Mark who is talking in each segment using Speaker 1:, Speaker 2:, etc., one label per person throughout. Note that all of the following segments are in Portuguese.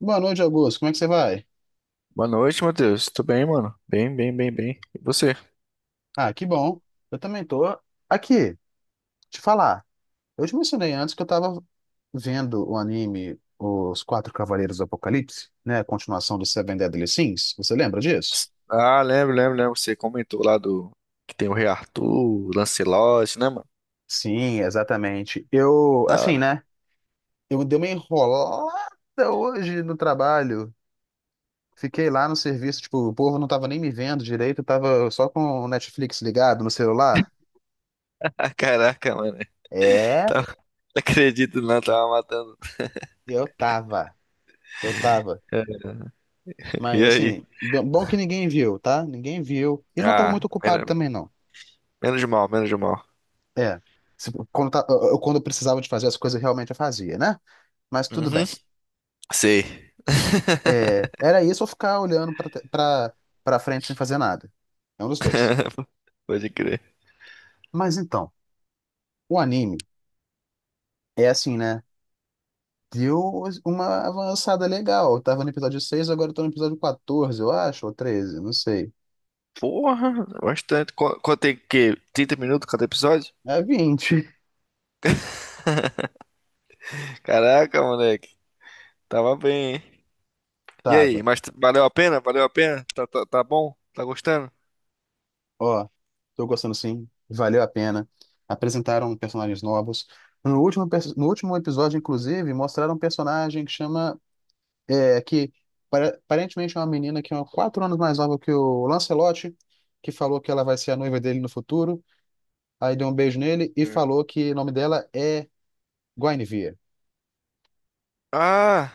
Speaker 1: Boa noite, Augusto. Como é que você vai?
Speaker 2: Boa noite, Matheus. Tudo bem, mano? Bem, bem, bem, bem. E você?
Speaker 1: Ah, que bom. Eu também tô aqui, te falar. Eu te mencionei antes que eu tava vendo o anime Os Quatro Cavaleiros do Apocalipse, né? A continuação do Seven Deadly Sins. Você lembra disso?
Speaker 2: Ah, lembro, lembro, lembro. Você comentou lá do que tem o Rei Arthur, o Lancelot, né, mano?
Speaker 1: Sim, exatamente. Eu,
Speaker 2: Da
Speaker 1: assim,
Speaker 2: hora.
Speaker 1: né? Eu dei uma enrolada hoje no trabalho. Fiquei lá no serviço, tipo, o povo não tava nem me vendo direito, eu tava só com o Netflix ligado no celular.
Speaker 2: Ah, caraca, mano.
Speaker 1: É,
Speaker 2: Não acredito, não. Tava matando.
Speaker 1: eu tava. Eu tava.
Speaker 2: É, e
Speaker 1: Mas
Speaker 2: aí?
Speaker 1: assim, bom que ninguém viu, tá? Ninguém viu. E não tava
Speaker 2: Ah,
Speaker 1: muito ocupado também, não.
Speaker 2: menos mal, menos mal.
Speaker 1: É. Quando eu precisava de fazer as coisas, realmente eu fazia, né? Mas tudo
Speaker 2: Uhum.
Speaker 1: bem.
Speaker 2: Sei.
Speaker 1: É, era isso ou ficar olhando pra frente sem fazer nada. É um dos dois.
Speaker 2: Pode crer.
Speaker 1: Mas então, o anime é assim, né? Deu uma avançada legal. Eu tava no episódio seis, agora eu tô no episódio 14, eu acho, ou 13, não sei.
Speaker 2: Porra, bastante. Quanto tem, que, 30 minutos cada episódio?
Speaker 1: É 20.
Speaker 2: Caraca, moleque. Tava bem, hein? E
Speaker 1: Tava.
Speaker 2: aí, mas valeu a pena? Valeu a pena? Tá bom? Tá gostando?
Speaker 1: Ó, tô gostando sim, valeu a pena. Apresentaram personagens novos. No último episódio, inclusive, mostraram um personagem que chama. É, que aparentemente é uma menina que é 4 anos mais nova que o Lancelote, que falou que ela vai ser a noiva dele no futuro. Aí deu um beijo nele e
Speaker 2: É.
Speaker 1: falou que o nome dela é Guinevere.
Speaker 2: Ah,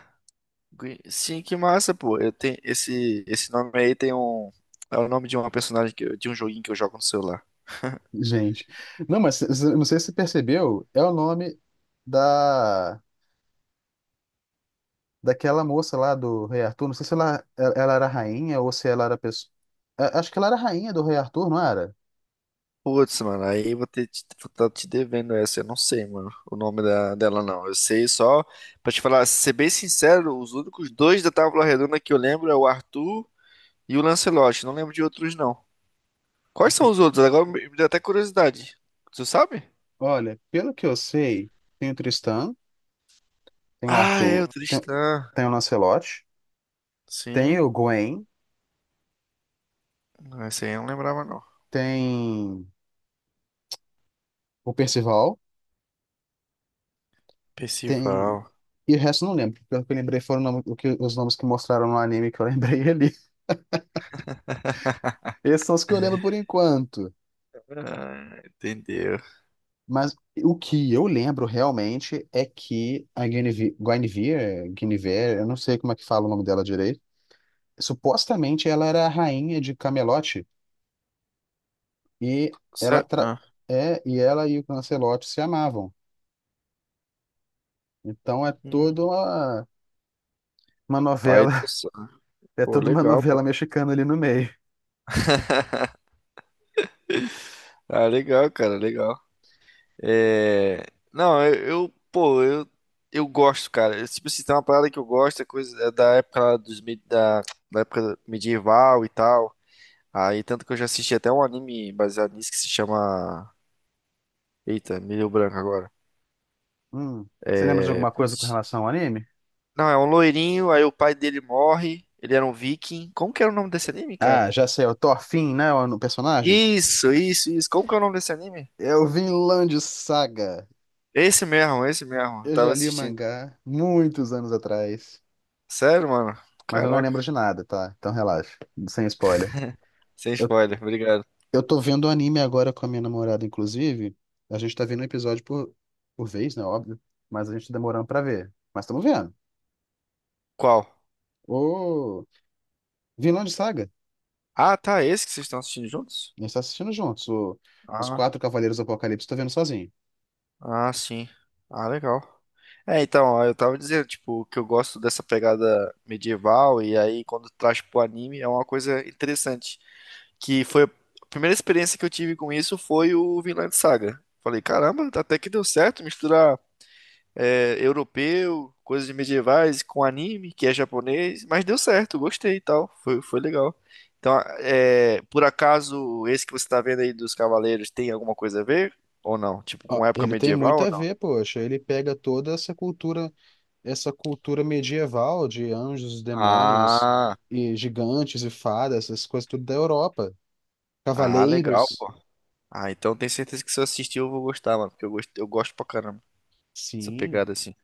Speaker 2: Sim, que massa, pô. Eu tenho esse nome, aí tem um, é o nome de uma personagem de um joguinho que eu jogo no celular.
Speaker 1: Gente, não, mas não sei se você percebeu, é o nome da. Daquela moça lá do Rei Arthur. Não sei se ela era rainha ou se ela era pessoa. Acho que ela era rainha do Rei Arthur, não era?
Speaker 2: Putz, mano, aí eu vou tá te devendo essa. Eu não sei, mano, o nome dela não. Eu sei só pra te falar, ser bem sincero, os únicos dois da Tábua Redonda que eu lembro é o Arthur e o Lancelot. Não lembro de outros não. Quais são
Speaker 1: Ente-
Speaker 2: os outros? Agora me deu até curiosidade. Tu sabe?
Speaker 1: Olha, pelo que eu sei, tem o Tristan, tem o
Speaker 2: Ah, é
Speaker 1: Arthur,
Speaker 2: o
Speaker 1: tem,
Speaker 2: Tristan.
Speaker 1: tem o Lancelot, tem
Speaker 2: Sim,
Speaker 1: o Gwen,
Speaker 2: não, esse aí eu não lembrava não.
Speaker 1: tem o Percival, tem.
Speaker 2: Percival.
Speaker 1: E o resto eu não lembro. Pelo que eu lembrei foram o nome- o que- os nomes que mostraram no anime que eu lembrei ali. Esses são os que eu lembro por enquanto.
Speaker 2: Ah, entendeu.
Speaker 1: Mas o que eu lembro realmente é que a Guinevere, Guinevere, Guinevere, eu não sei como é que fala o nome dela direito, supostamente ela era a rainha de Camelot e ela tra-
Speaker 2: Ah,
Speaker 1: é e ela e o Lancelot se amavam. Então é toda
Speaker 2: hum,
Speaker 1: uma novela,
Speaker 2: Python.
Speaker 1: é
Speaker 2: Pô,
Speaker 1: toda uma
Speaker 2: legal, pô.
Speaker 1: novela mexicana ali no meio.
Speaker 2: Ah, legal, cara, legal. É... Não, pô, eu gosto, cara. Eu, tipo, se tem uma parada que eu gosto, é coisa, é da época lá dos, da época medieval e tal. Aí, tanto que eu já assisti até um anime baseado nisso que se chama... Eita, me deu branco agora.
Speaker 1: Hum. Você lembra de
Speaker 2: É,
Speaker 1: alguma coisa com
Speaker 2: putz.
Speaker 1: relação ao anime?
Speaker 2: Não, é um loirinho, aí o pai dele morre, ele era um viking. Como que era o nome desse anime,
Speaker 1: Ah,
Speaker 2: cara?
Speaker 1: já sei, é o Thorfinn, né, o personagem?
Speaker 2: Isso, isso, isso. Como que é o nome desse anime?
Speaker 1: É o Vinland Saga.
Speaker 2: Esse mesmo, esse mesmo. Eu
Speaker 1: Eu
Speaker 2: tava
Speaker 1: já li o
Speaker 2: assistindo.
Speaker 1: mangá muitos anos atrás.
Speaker 2: Sério, mano?
Speaker 1: Mas eu não
Speaker 2: Caraca.
Speaker 1: lembro de nada, tá? Então relaxa, sem spoiler.
Speaker 2: Sem
Speaker 1: Eu,
Speaker 2: spoiler, obrigado.
Speaker 1: eu tô vendo anime agora com a minha namorada, inclusive. A gente tá vendo um episódio por vez, né? Óbvio. Mas a gente tá demorando pra ver. Mas estamos vendo.
Speaker 2: Qual?
Speaker 1: O Vinland Saga.
Speaker 2: Ah, tá, esse que vocês estão assistindo juntos?
Speaker 1: A gente tá assistindo juntos. Os
Speaker 2: Ah,
Speaker 1: Quatro Cavaleiros do Apocalipse tô vendo sozinho.
Speaker 2: ah, sim. Ah, legal. É, então, ó, eu tava dizendo, tipo, que eu gosto dessa pegada medieval, e aí quando traz pro anime é uma coisa interessante. Que foi a primeira experiência que eu tive com isso foi o Vinland Saga. Falei, caramba, até que deu certo misturar, europeu, coisas medievais, com anime, que é japonês, mas deu certo, gostei e tal, foi legal. Então, por acaso, esse que você tá vendo aí dos Cavaleiros tem alguma coisa a ver? Ou não? Tipo,
Speaker 1: Ó,
Speaker 2: com época
Speaker 1: ele tem
Speaker 2: medieval
Speaker 1: muito
Speaker 2: ou
Speaker 1: a
Speaker 2: não?
Speaker 1: ver, poxa. Ele pega toda essa cultura medieval de anjos, demônios
Speaker 2: Ah,
Speaker 1: e gigantes e fadas, essas coisas tudo da Europa.
Speaker 2: ah, legal,
Speaker 1: Cavaleiros.
Speaker 2: pô. Ah, então tenho certeza que se eu assistir eu vou gostar, mano, porque eu gosto pra caramba dessa
Speaker 1: Sim.
Speaker 2: pegada assim.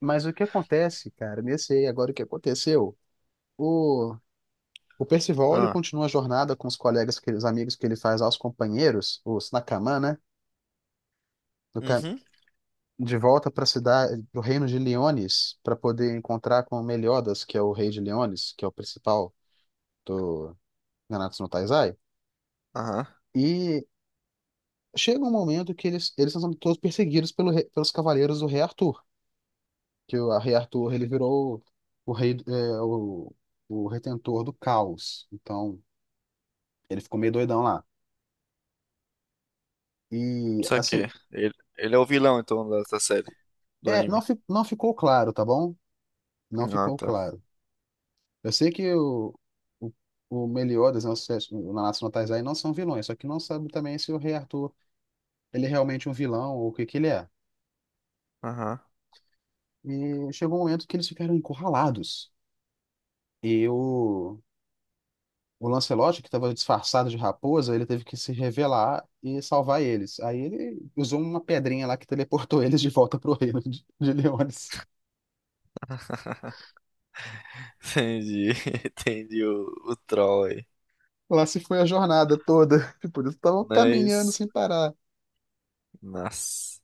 Speaker 1: Mas o que acontece, cara, nesse aí, agora o que aconteceu? O, o Percival, ele
Speaker 2: Ah,
Speaker 1: continua a jornada com os colegas, os amigos que ele faz aos companheiros, os Nakaman, né? do ca-
Speaker 2: uhum,
Speaker 1: de volta para a cidade, para o reino de Leones, para poder encontrar com Meliodas, que é o rei de Leones, que é o principal do Nanatsu no Taizai.
Speaker 2: aham,
Speaker 1: E chega um momento que eles são todos perseguidos pelos cavaleiros do rei Arthur, que o a rei Arthur, ele virou o rei, o retentor do caos. Então ele ficou meio doidão lá. E,
Speaker 2: só que
Speaker 1: assim,
Speaker 2: ele é o vilão, então, da série, do
Speaker 1: não,
Speaker 2: anime.
Speaker 1: fi- não ficou claro, tá bom? Não
Speaker 2: Ah,
Speaker 1: ficou
Speaker 2: tá,
Speaker 1: claro. Eu sei que o, o Meliodas, né, o Nanatsu no Taizai não são vilões, só que não sabe também se o Rei Arthur ele é realmente um vilão ou o que que ele é.
Speaker 2: aham.
Speaker 1: E chegou um momento que eles ficaram encurralados. E o Lancelot, que estava disfarçado de raposa, ele teve que se revelar e salvar eles. Aí ele usou uma pedrinha lá que teleportou eles de volta pro reino de Leones.
Speaker 2: Entendi, entendi o troll aí.
Speaker 1: Lá se foi a jornada toda. Por isso estavam caminhando
Speaker 2: Mas,
Speaker 1: sem parar.
Speaker 2: nossa.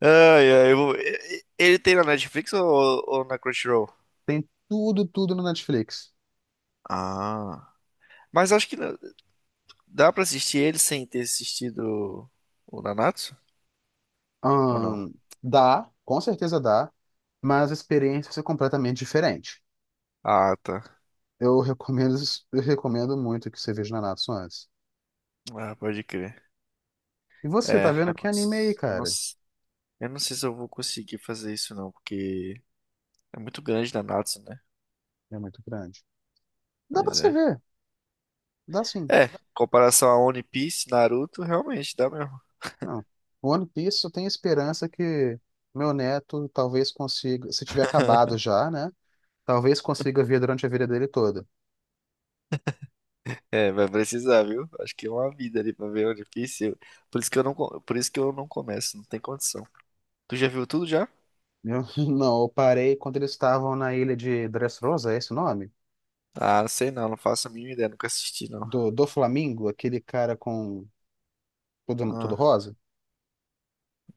Speaker 2: Ai, ai, eu vou- e- ele tem na Netflix, ou, na Crunchyroll?
Speaker 1: Tem tudo, tudo no Netflix.
Speaker 2: Ah, mas acho que dá pra assistir ele sem ter assistido o Nanatsu? Ou não?
Speaker 1: Ahn, dá, com certeza dá, mas a experiência é completamente diferente.
Speaker 2: Ah, tá.
Speaker 1: Eu recomendo, eu recomendo muito que você veja Nanatsu antes.
Speaker 2: Ah, pode crer.
Speaker 1: E você,
Speaker 2: É,
Speaker 1: tá vendo que anime aí, cara?
Speaker 2: eu não sei se eu vou conseguir fazer isso não, porque é muito grande Nanatsu, né?
Speaker 1: É muito grande. Dá pra
Speaker 2: Pois
Speaker 1: você
Speaker 2: é.
Speaker 1: ver, dá sim.
Speaker 2: É, em comparação a One Piece, Naruto, realmente dá mesmo.
Speaker 1: Não. O One Piece eu tenho esperança que meu neto talvez consiga, se tiver acabado já, né? Talvez consiga ver durante a vida dele toda.
Speaker 2: É, vai precisar, viu? Acho que é uma vida ali pra ver, o difícil. Por isso que eu não começo, não tem condição. Tu já viu tudo já?
Speaker 1: Eu, não, eu parei quando eles estavam na ilha de Dressrosa, é esse o nome?
Speaker 2: Ah, não sei não, não faço a mínima ideia, nunca assisti não.
Speaker 1: Do Flamingo, aquele cara com tudo, tudo
Speaker 2: Ah,
Speaker 1: rosa?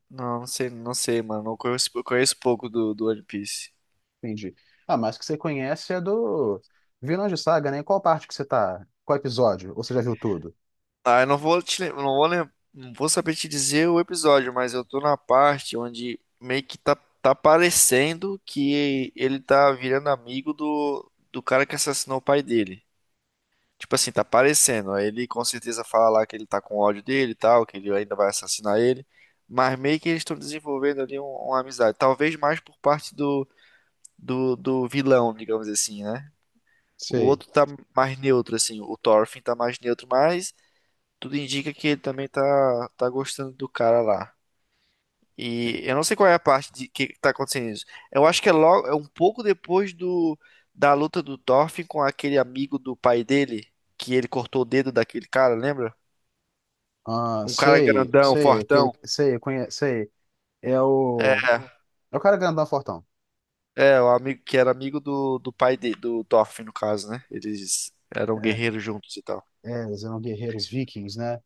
Speaker 2: não, não sei, não sei, mano, não conheço, eu conheço pouco do One Piece.
Speaker 1: Entendi. Ah, mas que você conhece é do Vilões de Saga, né? Em qual parte que você tá? Qual episódio? Ou você já viu tudo?
Speaker 2: Ah, eu não vou te, lem- não vou saber te dizer o episódio, mas eu tô na parte onde meio que tá, parecendo que ele tá virando amigo do cara que assassinou o pai dele. Tipo assim, tá aparecendo. Aí ele com certeza fala lá que ele tá com ódio dele e tal, que ele ainda vai assassinar ele. Mas meio que eles estão desenvolvendo ali uma amizade. Talvez mais por parte do vilão, digamos assim, né? O
Speaker 1: Sei.
Speaker 2: outro tá mais neutro, assim. O Thorfinn tá mais neutro, mas tudo indica que ele também tá gostando do cara lá. E eu não sei qual é a parte de que tá acontecendo isso. Eu acho que é logo, é um pouco depois da luta do Thorfinn com aquele amigo do pai dele, que ele cortou o dedo daquele cara, lembra?
Speaker 1: Ah,
Speaker 2: Um cara
Speaker 1: sei,
Speaker 2: grandão,
Speaker 1: sei, aquele,
Speaker 2: fortão.
Speaker 1: sei, conhe, sei. É o,
Speaker 2: É,
Speaker 1: é o cara grandão fortão.
Speaker 2: o amigo que era amigo do pai do Thorfinn, no caso, né? Eles eram
Speaker 1: É,
Speaker 2: guerreiros juntos e tal.
Speaker 1: é, eles eram guerreiros vikings, né?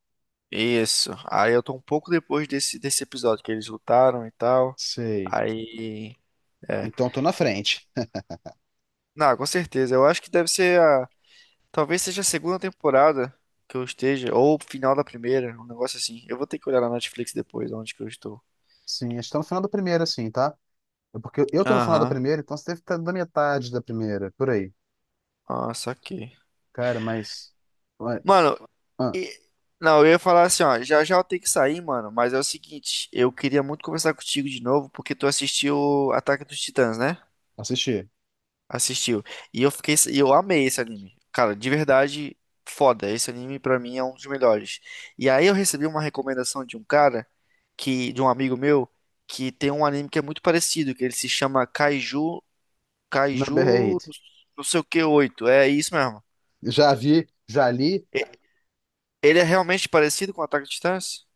Speaker 2: Isso. Aí eu tô um pouco depois desse episódio que eles lutaram e tal.
Speaker 1: Sei.
Speaker 2: Aí. É.
Speaker 1: Então tô na
Speaker 2: E-
Speaker 1: frente.
Speaker 2: Não, com certeza. Eu acho que deve ser a. Talvez seja a segunda temporada que eu esteja, ou o final da primeira, um negócio assim. Eu vou ter que olhar na Netflix depois, onde que eu estou.
Speaker 1: Sim, estamos no final do primeiro, assim, tá? É, porque eu tô no final da
Speaker 2: Aham.
Speaker 1: primeira, então você deve estar na metade da primeira, por aí.
Speaker 2: Ah, saquei.
Speaker 1: Cara, mas. Ué,
Speaker 2: Mano,
Speaker 1: ah,
Speaker 2: E- não, eu ia falar assim, ó, já já eu tenho que sair, mano, mas é o seguinte, eu queria muito conversar contigo de novo, porque tu assistiu Ataque dos Titãs, né?
Speaker 1: assisti.
Speaker 2: Assistiu. E eu fiquei, e eu amei esse anime. Cara, de verdade, foda. Esse anime pra mim é um dos melhores. E aí eu recebi uma recomendação de um cara que de um amigo meu, que tem um anime que é muito parecido, que ele se chama Kaiju,
Speaker 1: Number
Speaker 2: Kaiju,
Speaker 1: 8.
Speaker 2: não sei o que, 8. É isso mesmo.
Speaker 1: Já vi, já li.
Speaker 2: E- Ele é realmente parecido com Ataque dos Titãs?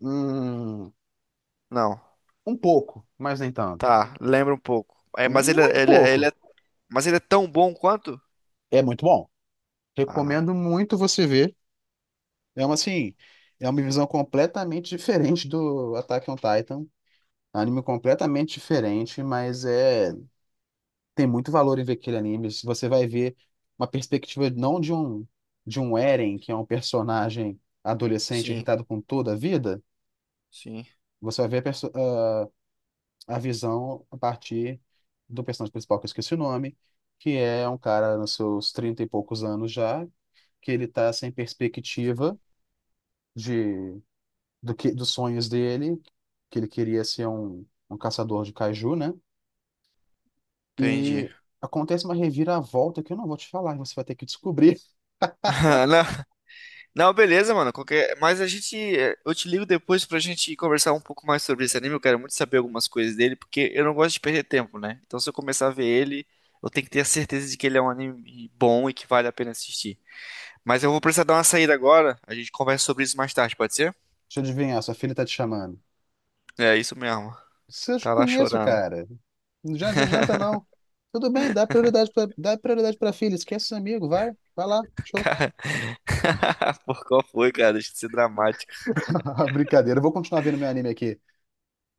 Speaker 1: Hum,
Speaker 2: Não.
Speaker 1: um pouco, mas nem tanto.
Speaker 2: Tá, lembra um pouco. É,
Speaker 1: Muito pouco.
Speaker 2: mas ele é tão bom quanto?
Speaker 1: É muito bom.
Speaker 2: Ah,
Speaker 1: Recomendo muito você ver. É uma assim. É uma visão completamente diferente do Attack on Titan. Anime completamente diferente, mas é. Tem muito valor em ver aquele anime. Se você vai ver uma perspectiva não de um Eren, que é um personagem adolescente
Speaker 2: sim,
Speaker 1: irritado com toda a vida,
Speaker 2: sim,
Speaker 1: você vai ver a visão a partir do personagem principal, que eu esqueci o nome, que é um cara nos seus 30 e poucos anos já, que ele tá sem perspectiva de do que dos sonhos dele, que ele queria ser um caçador de kaiju, né?
Speaker 2: entendi.
Speaker 1: E acontece uma reviravolta que eu não vou te falar, você vai ter que descobrir.
Speaker 2: Não, não, beleza, mano. Qualquer, mas a gente, eh, eu te ligo depois pra gente conversar um pouco mais sobre esse anime. Eu quero muito saber algumas coisas dele, porque eu não gosto de perder tempo, né? Então, se eu começar a ver ele, eu tenho que ter a certeza de que ele é um anime bom e que vale a pena assistir. Mas eu vou precisar dar uma saída agora. A gente conversa sobre isso mais tarde, pode ser?
Speaker 1: Deixa eu adivinhar, sua filha tá te chamando.
Speaker 2: É isso mesmo.
Speaker 1: Se eu te
Speaker 2: Tá lá
Speaker 1: conheço,
Speaker 2: chorando.
Speaker 1: cara. Não já adianta, não. Tudo bem, dá prioridade pra filha. Esquece seu amigo, vai. Vai lá, show.
Speaker 2: Cara, por qual foi, cara? Deixa de ser dramático.
Speaker 1: Brincadeira, eu vou continuar vendo meu anime aqui.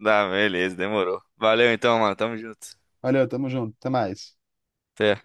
Speaker 2: Tá, beleza, demorou. Valeu então, mano. Tamo junto.
Speaker 1: Valeu, tamo junto, até mais.
Speaker 2: Até.